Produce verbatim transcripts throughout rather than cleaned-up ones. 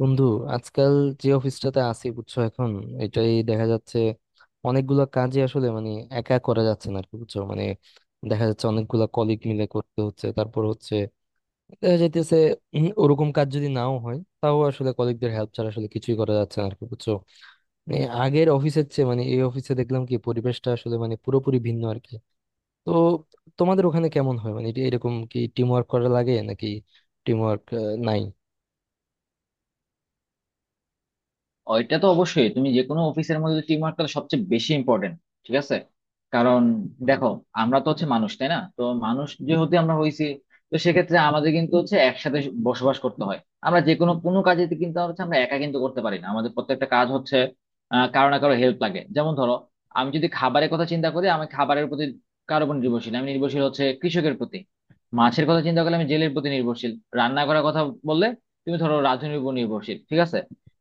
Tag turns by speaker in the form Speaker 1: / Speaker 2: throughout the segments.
Speaker 1: বন্ধু, আজকাল যে অফিসটাতে আছি বুঝছো, এখন এটাই দেখা যাচ্ছে অনেকগুলো কাজই আসলে মানে একা করা যাচ্ছে না আর কি, বুঝছো। মানে দেখা যাচ্ছে অনেকগুলো কলিগ মিলে করতে হচ্ছে, তারপর হচ্ছে দেখা যাইতেছে উম, ওরকম কাজ যদি নাও হয় তাও আসলে কলিগদের হেল্প ছাড়া আসলে কিছুই করা যাচ্ছে না আর কি, বুঝছো। মানে আগের অফিসের চেয়ে মানে এই অফিসে দেখলাম কি পরিবেশটা আসলে মানে পুরোপুরি ভিন্ন আর কি। তো তোমাদের ওখানে কেমন হয়, মানে এটা এরকম কি টিম ওয়ার্ক করা লাগে নাকি টিম ওয়ার্ক নাই?
Speaker 2: ওইটা তো অবশ্যই। তুমি যে কোনো অফিসের মধ্যে টিম ওয়ার্কটা সবচেয়ে বেশি ইম্পর্টেন্ট। ঠিক আছে, কারণ দেখো, আমরা তো হচ্ছে মানুষ, তাই না? তো মানুষ যেহেতু আমরা হইছি, তো সেক্ষেত্রে আমাদের কিন্তু হচ্ছে একসাথে বসবাস করতে হয়। আমরা যে কোনো কোনো কাজে কিন্তু হচ্ছে আমরা একা কিন্তু করতে পারি না। আমাদের প্রত্যেকটা কাজ হচ্ছে আহ কারো না কারো হেল্প লাগে। যেমন ধরো, আমি যদি খাবারের কথা চিন্তা করি, আমি খাবারের প্রতি কারো উপর নির্ভরশীল। আমি নির্ভরশীল হচ্ছে কৃষকের প্রতি। মাছের কথা চিন্তা করলে আমি জেলের প্রতি নির্ভরশীল। রান্না করার কথা বললে তুমি ধরো রাঁধুনির উপর নির্ভরশীল। ঠিক আছে,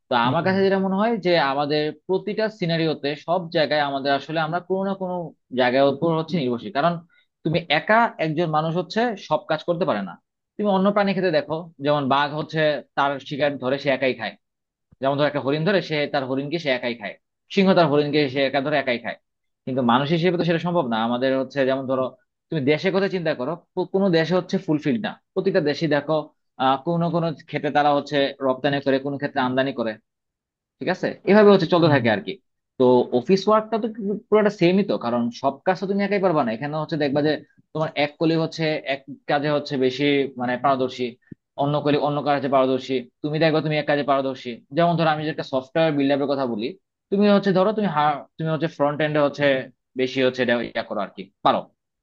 Speaker 2: তো আমার
Speaker 1: হুম।
Speaker 2: কাছে যেটা মনে হয় যে আমাদের প্রতিটা সিনারিওতে সব জায়গায় আমাদের আসলে আমরা কোনো না কোনো জায়গার উপর হচ্ছে নির্ভরশীল। কারণ তুমি একা একজন মানুষ হচ্ছে সব কাজ করতে পারে না। তুমি অন্য প্রাণী ক্ষেত্রে দেখো, যেমন বাঘ হচ্ছে তার শিকার ধরে সে একাই খায়। যেমন ধর, একটা হরিণ ধরে সে তার হরিণকে সে একাই খায়। সিংহ তার হরিণকে সে একা ধরে একাই খায়। কিন্তু মানুষ হিসেবে তো সেটা সম্ভব না। আমাদের হচ্ছে যেমন ধরো, তুমি দেশের কথা চিন্তা করো, কো- কোনো দেশে হচ্ছে ফুলফিল না, প্রতিটা দেশে দেখো আহ কোনো না কোনো ক্ষেত্রে তারা হচ্ছে রপ্তানি করে, কোনো ক্ষেত্রে আমদানি করে। ঠিক আছে, এভাবে হচ্ছে চলতে
Speaker 1: হুম।
Speaker 2: থাকে আর কি। তো অফিস ওয়ার্কটা তো কিন্তু পুরোটা সেমই তো। কারণ সব কাজ তো তুমি একাই পারবা না। এখানে হচ্ছে দেখবা যে তোমার এক কলিগ হচ্ছে এক কাজে হচ্ছে বেশি মানে পারদর্শী, অন্য কলিগ অন্য কাজে পারদর্শী। তুমি দেখবা তুমি এক কাজে পারদর্শী। যেমন ধরো, আমি যে একটা সফটওয়্যার বিল্ড আপের কথা বলি, তুমি হচ্ছে ধরো তুমি হা- তুমি হচ্ছে ফ্রন্ট এন্ডে হচ্ছে বেশি হচ্ছে এটা ইয়া করো আর কি, পারো।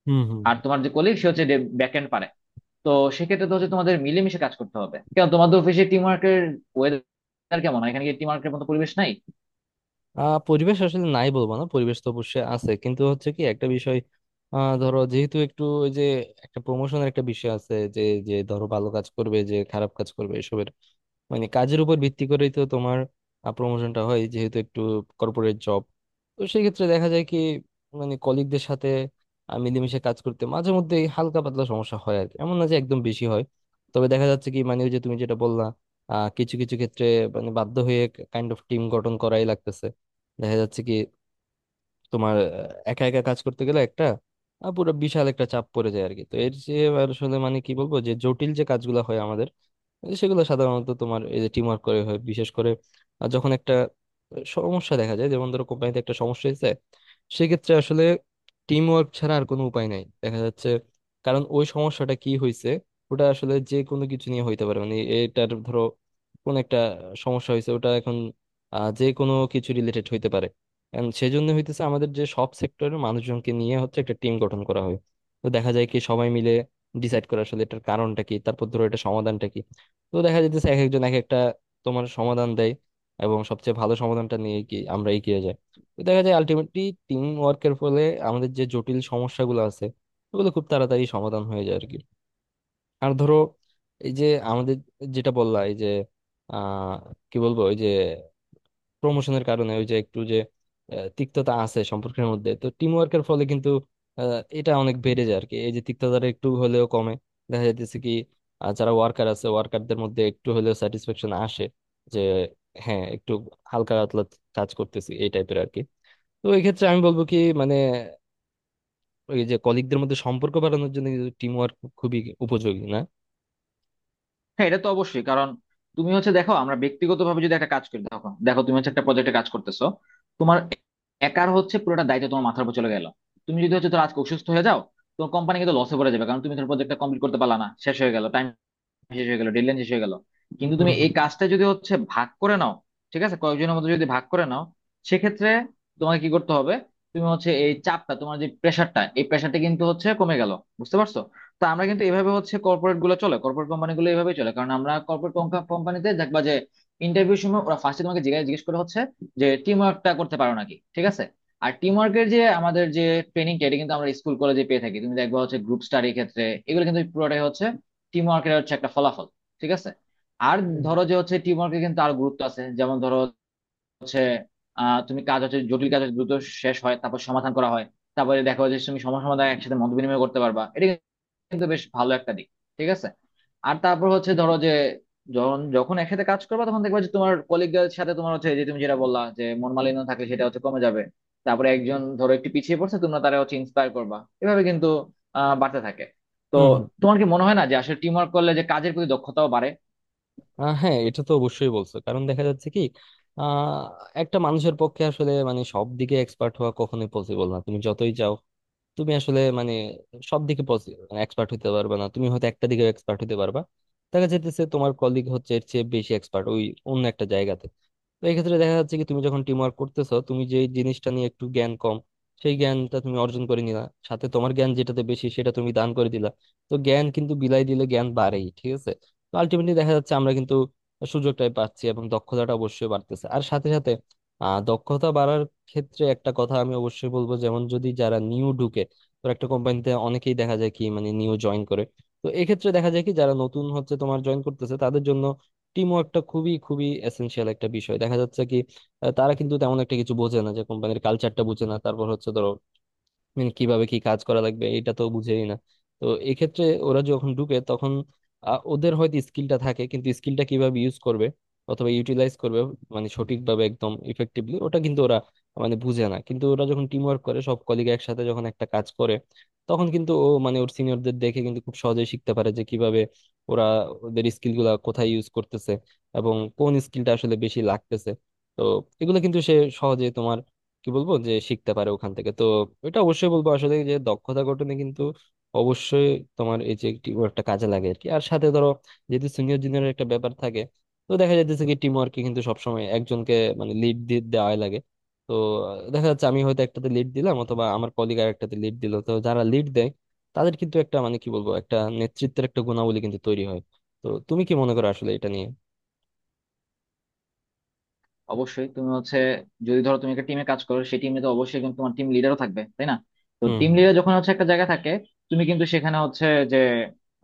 Speaker 1: হুম। হুম।
Speaker 2: আর
Speaker 1: হুম।
Speaker 2: তোমার যে কলিগ সে হচ্ছে ব্যাক এন্ড পারে। তো সেক্ষেত্রে তো হচ্ছে তোমাদের মিলেমিশে কাজ করতে হবে। কেন, তোমাদের অফিসে টিম ওয়ার্কের ওয়েদার কেমন? এখানে কি টিম ওয়ার্কের মতো পরিবেশ নাই?
Speaker 1: আহ পরিবেশ আসলে নাই বলবো না, পরিবেশ তো অবশ্যই আছে, কিন্তু হচ্ছে কি একটা বিষয়, আহ ধরো যেহেতু একটু ওই যে একটা প্রমোশনের একটা বিষয় আছে যে, যে ধরো ভালো কাজ করবে যে খারাপ কাজ করবে এসবের, মানে কাজের উপর ভিত্তি করেই তো তোমার প্রমোশনটা হয়, যেহেতু একটু কর্পোরেট জব। তো সেই ক্ষেত্রে দেখা যায় কি মানে কলিগদের সাথে আহ, মিলেমিশে কাজ করতে মাঝে মধ্যে হালকা পাতলা সমস্যা হয় আর কি, এমন না যে একদম বেশি হয়। তবে দেখা যাচ্ছে কি, মানে ওই যে তুমি যেটা বললা, আহ কিছু কিছু ক্ষেত্রে মানে বাধ্য হয়ে কাইন্ড অফ টিম গঠন করাই লাগতেছে। দেখা যাচ্ছে কি তোমার আহ, একা একা কাজ করতে গেলে একটা আহ, পুরো বিশাল একটা চাপ পড়ে যায় আর কি। তো এর যে আসলে মানে কি বলবো, যে জটিল যে কাজগুলো হয় আমাদের এই সেগুলো সাধারণত তোমার এই যে টিম ওয়ার্ক করে হয়, বিশেষ করে আহ, যখন একটা সমস্যা দেখা যায়, যেমন ধরো কোম্পানিতে একটা সমস্যা হয়েছে, সেক্ষেত্রে আসলে টিম ওয়ার্ক ছাড়া আর কোনো উপায় নাই দেখা যাচ্ছে। কারণ ওই সমস্যাটা কি হয়েছে ওটা আসলে যে কোনো কিছু নিয়ে হইতে পারে, মানে এটার ধরো কোন একটা সমস্যা হয়েছে, ওটা এখন আহ, যে কোনো কিছু রিলেটেড হইতে পারে। And সেজন্য হইতেছে আমাদের যে সব সেক্টরের মানুষজনকে নিয়ে হচ্ছে একটা টিম গঠন করা হয়। তো দেখা যায় কি সবাই মিলে ডিসাইড করা আসলে এটার কারণটা কি, তারপর ধরো এটা সমাধানটা কি। তো দেখা যাইতেছে এক একজন এক একটা তোমার সমাধান দেয়, এবং সবচেয়ে ভালো সমাধানটা নিয়ে কি আমরা এগিয়ে যাই। তো দেখা যায় আলটিমেটলি টিম ওয়ার্কের ফলে আমাদের যে জটিল সমস্যাগুলো আছে ওগুলো খুব তাড়াতাড়ি সমাধান হয়ে যায় আর কি। আর ধরো এই যে আমাদের যেটা বললা এই যে, আহ কি বলবো, ওই যে প্রমোশনের কারণে ওই যে একটু যে আহ, তিক্ততা আছে সম্পর্কের মধ্যে, তো টিম ওয়ার্কের ফলে কিন্তু আহ, এটা অনেক বেড়ে যায় আর কি, এই যে তিক্ততাটা একটু হলেও কমে। দেখা যাইতেছে কি আহ, যারা ওয়ার্কার আছে ওয়ার্কারদের মধ্যে একটু হলেও স্যাটিসফ্যাকশন আসে যে হ্যাঁ একটু হালকা পাতলা কাজ করতেছি এই টাইপের আর কি। তো এই ক্ষেত্রে আমি বলবো কি, মানে ওই যে কলিগদের মধ্যে সম্পর্ক বাড়ানোর জন্য কিন্তু টিম ওয়ার্ক খুবই উপযোগী, না?
Speaker 2: হ্যাঁ, এটা তো অবশ্যই। কারণ তুমি হচ্ছে দেখো, আমরা ব্যক্তিগতভাবে যদি একটা কাজ করি, তখন দেখো তুমি হচ্ছে একটা প্রজেক্টে কাজ করতেছো, তোমার একার হচ্ছে পুরোটা দায়িত্ব তোমার মাথার উপর চলে গেল। তুমি যদি হচ্ছে ধরো আজকে অসুস্থ হয়ে যাও, তোমার কোম্পানি কিন্তু লসে পড়ে যাবে, কারণ তুমি তোমার প্রজেক্টটা কমপ্লিট করতে পারলা না, শেষ হয়ে গেল টাইম, শেষ হয়ে গেল ডেডলাইন, শেষ হয়ে গেল। কিন্তু তুমি এই
Speaker 1: হুম।
Speaker 2: কাজটা যদি হচ্ছে ভাগ করে নাও, ঠিক আছে, কয়েকজনের মধ্যে যদি ভাগ করে নাও, সেক্ষেত্রে তোমাকে কি করতে হবে, তুমি হচ্ছে এই চাপটা, তোমার যে প্রেশারটা, এই প্রেশারটা কিন্তু হচ্ছে কমে গেল। বুঝতে পারছো? তো আমরা কিন্তু এভাবে হচ্ছে কর্পোরেট গুলো চলে, কর্পোরেট কোম্পানি গুলো এভাবে চলে। কারণ আমরা কর্পোরেট কোম্পানিতে দেখবা যে ইন্টারভিউ সময় ওরা ফার্স্টে তোমাকে জিজ্ঞাসা জিজ্ঞেস করে হচ্ছে যে টিম ওয়ার্কটা করতে পারো নাকি। ঠিক আছে, আর টিম ওয়ার্কের যে আমাদের যে ট্রেনিংটা, এটা কিন্তু আমরা স্কুল কলেজে পেয়ে থাকি। তুমি দেখবা হচ্ছে গ্রুপ স্টাডির ক্ষেত্রে এগুলো কিন্তু পুরোটাই হচ্ছে টিম ওয়ার্কের হচ্ছে একটা ফলাফল। ঠিক আছে, আর
Speaker 1: হুম।
Speaker 2: ধরো যে হচ্ছে টিম ওয়ার্কের কিন্তু আরো গুরুত্ব আছে। যেমন ধরো হচ্ছে, আহ তুমি কাজ হচ্ছে, জটিল কাজ হচ্ছে দ্রুত শেষ হয়, তারপর সমাধান করা হয়। তারপরে দেখো যে তুমি সমস্যা সমাধান একসাথে মত বিনিময় করতে পারবা, এটা কিন্তু বেশ ভালো একটা দিক। ঠিক আছে, আর তারপর হচ্ছে ধরো যে যখন যখন একসাথে কাজ করবে, তখন দেখবে যে তোমার কলিগদের সাথে তোমার হচ্ছে, এই যে তুমি যেটা বললা যে মন মালিন্য থাকলে, সেটা হচ্ছে কমে যাবে। তারপরে একজন ধরো একটু পিছিয়ে পড়ছে, তোমরা তারা হচ্ছে ইন্সপায়ার করবা। এভাবে কিন্তু আহ বাড়তে থাকে। তো
Speaker 1: হুম হুম
Speaker 2: তোমার কি মনে হয় না যে আসলে টিম ওয়ার্ক করলে যে কাজের প্রতি দক্ষতাও বাড়ে?
Speaker 1: আহ হ্যাঁ, এটা তো অবশ্যই বলছো, কারণ দেখা যাচ্ছে কি আহ একটা মানুষের পক্ষে আসলে মানে সব দিকে এক্সপার্ট হওয়া কখনোই পসিবল না, তুমি যতই চাও তুমি আসলে মানে সব দিকে এক্সপার্ট হতে পারবে না, তুমি হয়তো একটা দিকে এক্সপার্ট হতে পারবা। দেখা যাইতেছে তোমার কলিগ হচ্ছে এর চেয়ে বেশি এক্সপার্ট ওই অন্য একটা জায়গাতে। তো এই ক্ষেত্রে দেখা যাচ্ছে কি তুমি যখন টিম ওয়ার্ক করতেছো তুমি যে জিনিসটা নিয়ে একটু জ্ঞান কম সেই জ্ঞানটা তুমি অর্জন করে নিলা, সাথে তোমার জ্ঞান যেটাতে বেশি সেটা তুমি দান করে দিলা। তো জ্ঞান কিন্তু বিলাই দিলে জ্ঞান বাড়েই, ঠিক আছে। তো আলটিমেটলি দেখা যাচ্ছে আমরা কিন্তু সুযোগটাই পাচ্ছি এবং দক্ষতাটা অবশ্যই বাড়তেছে। আর সাথে সাথে আহ দক্ষতা বাড়ার ক্ষেত্রে একটা কথা আমি অবশ্যই বলবো, যেমন যদি যারা নিউ ঢুকে, তো একটা কোম্পানিতে অনেকেই দেখা যায় কি মানে নিউ জয়েন করে। তো এক্ষেত্রে দেখা যায় কি যারা নতুন হচ্ছে তোমার জয়েন করতেছে তাদের জন্য টিম ওয়ার্কটা খুবই খুবই এসেনশিয়াল একটা বিষয়। দেখা যাচ্ছে কি আহ, তারা কিন্তু তেমন একটা কিছু বোঝে না, যে কোম্পানির কালচারটা বোঝে না, তারপর হচ্ছে ধরো মানে কিভাবে কি কাজ করা লাগবে এটা তো বুঝেই না। তো এক্ষেত্রে ওরা যখন ঢুকে তখন আহ, ওদের হয়তো স্কিলটা থাকে কিন্তু স্কিলটা কিভাবে ইউজ করবে অথবা ইউটিলাইজ করবে, মানে সঠিকভাবে একদম ইফেক্টিভলি ওটা কিন্তু ওরা মানে বুঝে না। কিন্তু ওরা যখন টিম ওয়ার্ক করে সব কলিগ একসাথে যখন একটা কাজ করে তখন কিন্তু ও মানে ওর সিনিয়রদের দেখে কিন্তু খুব সহজেই শিখতে পারে যে কিভাবে ওরা ওদের স্কিল গুলা কোথায় ইউজ করতেছে এবং কোন স্কিলটা আসলে বেশি লাগতেছে। তো এগুলো কিন্তু সে সহজে তোমার কি বলবো যে শিখতে পারে ওখান থেকে। তো এটা অবশ্যই বলবো আসলে যে দক্ষতা গঠনে কিন্তু অবশ্যই তোমার এই যে টিম ওয়ার্কটা কাজে লাগে আর কি। আর সাথে ধরো যেহেতু সিনিয়র জুনিয়রের একটা ব্যাপার থাকে, তো দেখা যাইতেছে কি টিম ওয়ার্কে কিন্তু সবসময় একজনকে মানে লিড দিয়ে দেওয়াই লাগে। তো আহ, দেখা যাচ্ছে আমি হয়তো একটাতে লিড দিলাম অথবা আমার কলিগ আর একটাতে লিড দিল। তো যারা লিড দেয় তাদের কিন্তু একটা মানে কি বলবো, একটা নেতৃত্বের একটা গুণাবলী কিন্তু তৈরি হয়। তো তুমি কি মনে করো আসলে এটা নিয়ে?
Speaker 2: অবশ্যই। তুমি হচ্ছে যদি ধরো তুমি একটা টিমে কাজ করো, সেই টিমে তো অবশ্যই কিন্তু তোমার টিম লিডারও থাকবে, তাই না? তো
Speaker 1: হুম।
Speaker 2: টিম
Speaker 1: হুম।
Speaker 2: লিডার যখন হচ্ছে একটা জায়গায় থাকে, তুমি কিন্তু সেখানে হচ্ছে যে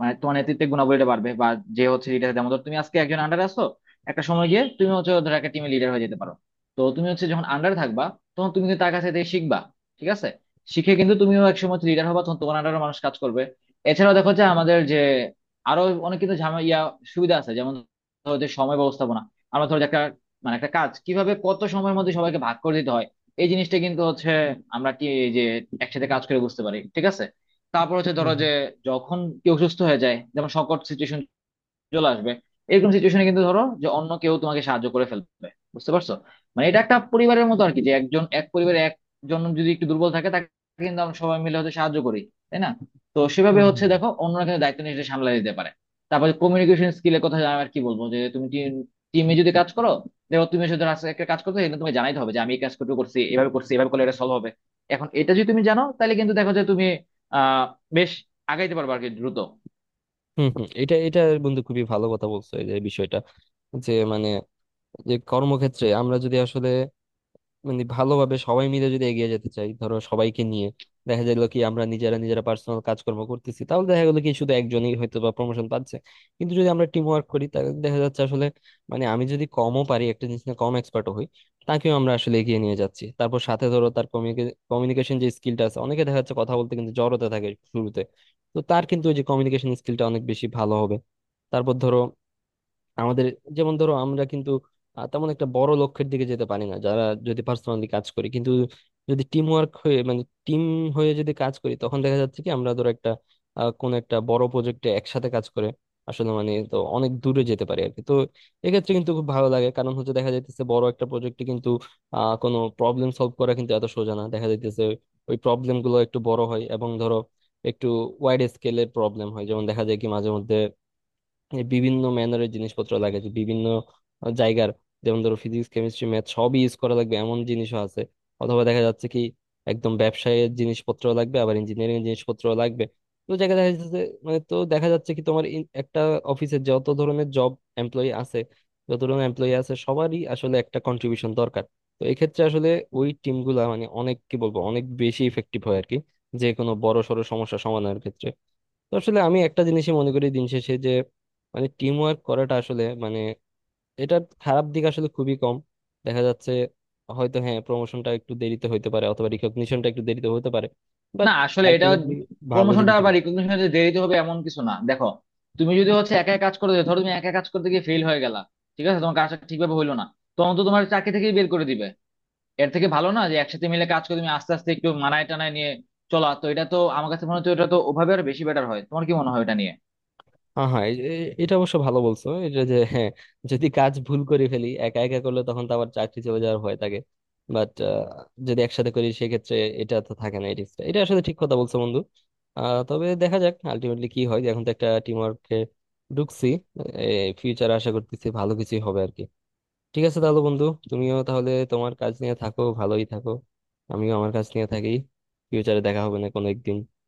Speaker 2: মানে তোমার নেতৃত্বের গুণাবলীটা বাড়বে। বা যে হচ্ছে লিডার, যেমন ধরো তুমি আজকে একজন আন্ডার আছো, একটা সময় গিয়ে তুমি হচ্ছে ধরো একটা টিমে লিডার হয়ে যেতে পারো। তো তুমি হচ্ছে যখন আন্ডার থাকবা, তখন তুমি কিন্তু তার কাছে থেকে শিখবা। ঠিক আছে, শিখে কিন্তু তুমিও এক সময় লিডার হবা, তখন তোমার আন্ডারও মানুষ কাজ করবে। এছাড়াও দেখো যে আমাদের যে আরো অনেক কিন্তু ঝামেলা ইয়া সুবিধা আছে। যেমন ধরো যে সময় ব্যবস্থাপনা, আমরা ধরো যে একটা মানে একটা কাজ কিভাবে কত সময়ের মধ্যে সবাইকে ভাগ করে দিতে হয়, এই জিনিসটা কিন্তু হচ্ছে আমরা কি এই যে একসাথে কাজ করে বুঝতে পারি। ঠিক আছে, তারপর হচ্ছে
Speaker 1: হুম।
Speaker 2: ধরো
Speaker 1: হুম।
Speaker 2: যে যখন কেউ সুস্থ হয়ে যায়, যেমন সংকট সিচুয়েশন চলে আসবে, এরকম সিচুয়েশনে কিন্তু ধরো যে অন্য কেউ তোমাকে সাহায্য করে ফেলবে। বুঝতে পারছো? মানে এটা একটা পরিবারের মতো আর কি, যে একজন, এক পরিবারে একজন যদি একটু দুর্বল থাকে, তাকে কিন্তু আমরা সবাই মিলে হচ্ছে সাহায্য করি, তাই না? তো
Speaker 1: হুম।
Speaker 2: সেভাবে হচ্ছে
Speaker 1: হুম।
Speaker 2: দেখো, অন্যরা কিন্তু দায়িত্ব নিয়ে সেটা সামলাই দিতে পারে। তারপরে কমিউনিকেশন স্কিলের কথা আমি আর কি বলবো, যে তুমি টিমে যদি কাজ করো, দেখো তুমি এসে ধরো আজকে একটা কাজ করতে কিন্তু তোমাকে জানাইতে হবে যে আমি এই কাজটুকু করছি, এভাবে করছি, এভাবে করলে এটা সলভ হবে। এখন এটা যদি তুমি জানো, তাহলে কিন্তু দেখো যে তুমি আহ বেশ আগাইতে পারবে আর কি, দ্রুত।
Speaker 1: হম, হম, এটা, এটা বন্ধু খুবই ভালো কথা বলছো। এই যে বিষয়টা, যে মানে যে কর্মক্ষেত্রে আমরা যদি আসলে মানে ভালোভাবে সবাই মিলে যদি এগিয়ে যেতে চাই ধরো সবাইকে নিয়ে, দেখা গেল কি আমরা নিজেরা নিজেরা পার্সোনাল কাজকর্ম করতেছি তাহলে দেখা গেলো কি শুধু একজনই হয়তো বা প্রমোশন পাচ্ছে। কিন্তু যদি আমরা টিম ওয়ার্ক করি তাহলে দেখা যাচ্ছে আসলে মানে আমি যদি কমও পারি একটা জিনিস নিয়ে কম এক্সপার্টও হই, তাকেও আমরা আসলে এগিয়ে নিয়ে যাচ্ছি। তারপর সাথে ধরো তার কমিউনিকেশন যে স্কিলটা আছে, অনেকে দেখা যাচ্ছে কথা বলতে কিন্তু জড়তা থাকে শুরুতে, তো তার কিন্তু ওই যে কমিউনিকেশন স্কিলটা অনেক বেশি ভালো হবে। তারপর ধরো আমাদের যেমন ধরো আমরা কিন্তু আহ, তেমন একটা বড় লক্ষ্যের দিকে যেতে পারি না যারা যদি পার্সোনালি কাজ করি। কিন্তু যদি টিম ওয়ার্ক হয়ে মানে টিম হয়ে যদি কাজ করি তখন দেখা যাচ্ছে কি আমরা ধরো একটা আহ, কোনো একটা বড় প্রজেক্টে একসাথে কাজ করে আসলে মানে তো অনেক দূরে যেতে পারি আর কি। তো এক্ষেত্রে কিন্তু খুব ভালো লাগে কারণ হচ্ছে দেখা যাইতেছে বড় একটা প্রজেক্টে কিন্তু আহ কোনো প্রবলেম সলভ করা কিন্তু এত সোজা না। দেখা যাইতেছে ওই প্রবলেম গুলো একটু বড় হয় এবং ধরো একটু ওয়াইড স্কেলের প্রবলেম হয়, যেমন দেখা যায় কি মাঝে মধ্যে যে বিভিন্ন ম্যানারের জিনিসপত্র লাগে, যে বিভিন্ন জায়গার যেমন ধরো ফিজিক্স কেমিস্ট্রি ম্যাথ সবই ইউজ করা লাগবে এমন জিনিসও আছে, অথবা দেখা যাচ্ছে কি একদম ব্যবসায়ের জিনিসপত্র লাগবে, আবার ইঞ্জিনিয়ারিং জিনিসপত্র লাগবে। তো দেখা দেখা যাচ্ছে যে- মানে তো দেখা যাচ্ছে কি তোমার in- একটা অফিসে যত ধরনের জব এমপ্লয়ি আছে, যত ধরনের এমপ্লয়ি আছে সবারই আসলে একটা কন্ট্রিবিউশন দরকার। তো এক্ষেত্রে আসলে ওই টিমগুলা মানে অনেক কি বলবো অনেক বেশি ইফেক্টিভ হয় আর কি, যে কোনো বড় সড়ো সমস্যা সমাধানের ক্ষেত্রে। তো আসলে আমি একটা জিনিসই মনে করি দিন শেষে যে মানে টিম ওয়ার্ক করাটা আসলে মানে এটার খারাপ দিক আসলে খুবই কম দেখা যাচ্ছে। হয়তো হ্যাঁ প্রমোশনটা একটু দেরিতে হইতে পারে অথবা রিকগনিশনটা একটু দেরিতে হতে পারে,
Speaker 2: না,
Speaker 1: বাট
Speaker 2: আসলে এটা
Speaker 1: আলটিমেটলি ভালো
Speaker 2: প্রমোশনটা
Speaker 1: জিনিস।
Speaker 2: বা রিকগনিশনটা দেরিতে হবে এমন কিছু না। দেখো, তুমি যদি হচ্ছে একা কাজ করতে যাও, ধরো তুমি একা কাজ করতে গিয়ে ফেল হয়ে গেলা, ঠিক আছে, তোমার কাজটা ঠিকভাবে হইলো না, তখন তো তোমার চাকরি থেকেই বের করে দিবে। এর থেকে ভালো না যে একসাথে মিলে কাজ করে তুমি আস্তে আস্তে একটু মানায় টানায় নিয়ে চলা? তো এটা তো আমার কাছে মনে হচ্ছে এটা তো ওভাবে আর বেশি বেটার হয়। তোমার কি মনে হয় এটা নিয়ে?
Speaker 1: হ্যাঁ, হ্যাঁ, এ- এ- এটা অবশ্য ভালো বলছো, এটা যে হ্যাঁ, যদি কাজ ভুল করে ফেলি একা একা করলে তখন তো আবার চাকরি চলে যাওয়ার ভয় থাকে, বাট যদি একসাথে করি সেক্ষেত্রে এটা তো থাকে না এই রিস্কটা। এটা আসলে ঠিক কথা বলছো বন্ধু। আহ, তবে দেখা যাক আলটিমেটলি কি হয়, এখন তো একটা টিম ওয়ার্কে ঢুকছি, ফিউচার আশা করতেছি ভালো কিছুই হবে আর কি। ঠিক আছে তাহলে বন্ধু, তুমিও তাহলে তোমার কাজ নিয়ে থাকো, ভালোই থাকো, আমিও আমার কাজ নিয়ে থাকি। ফিউচারে দেখা হবে না কোনো একদিন।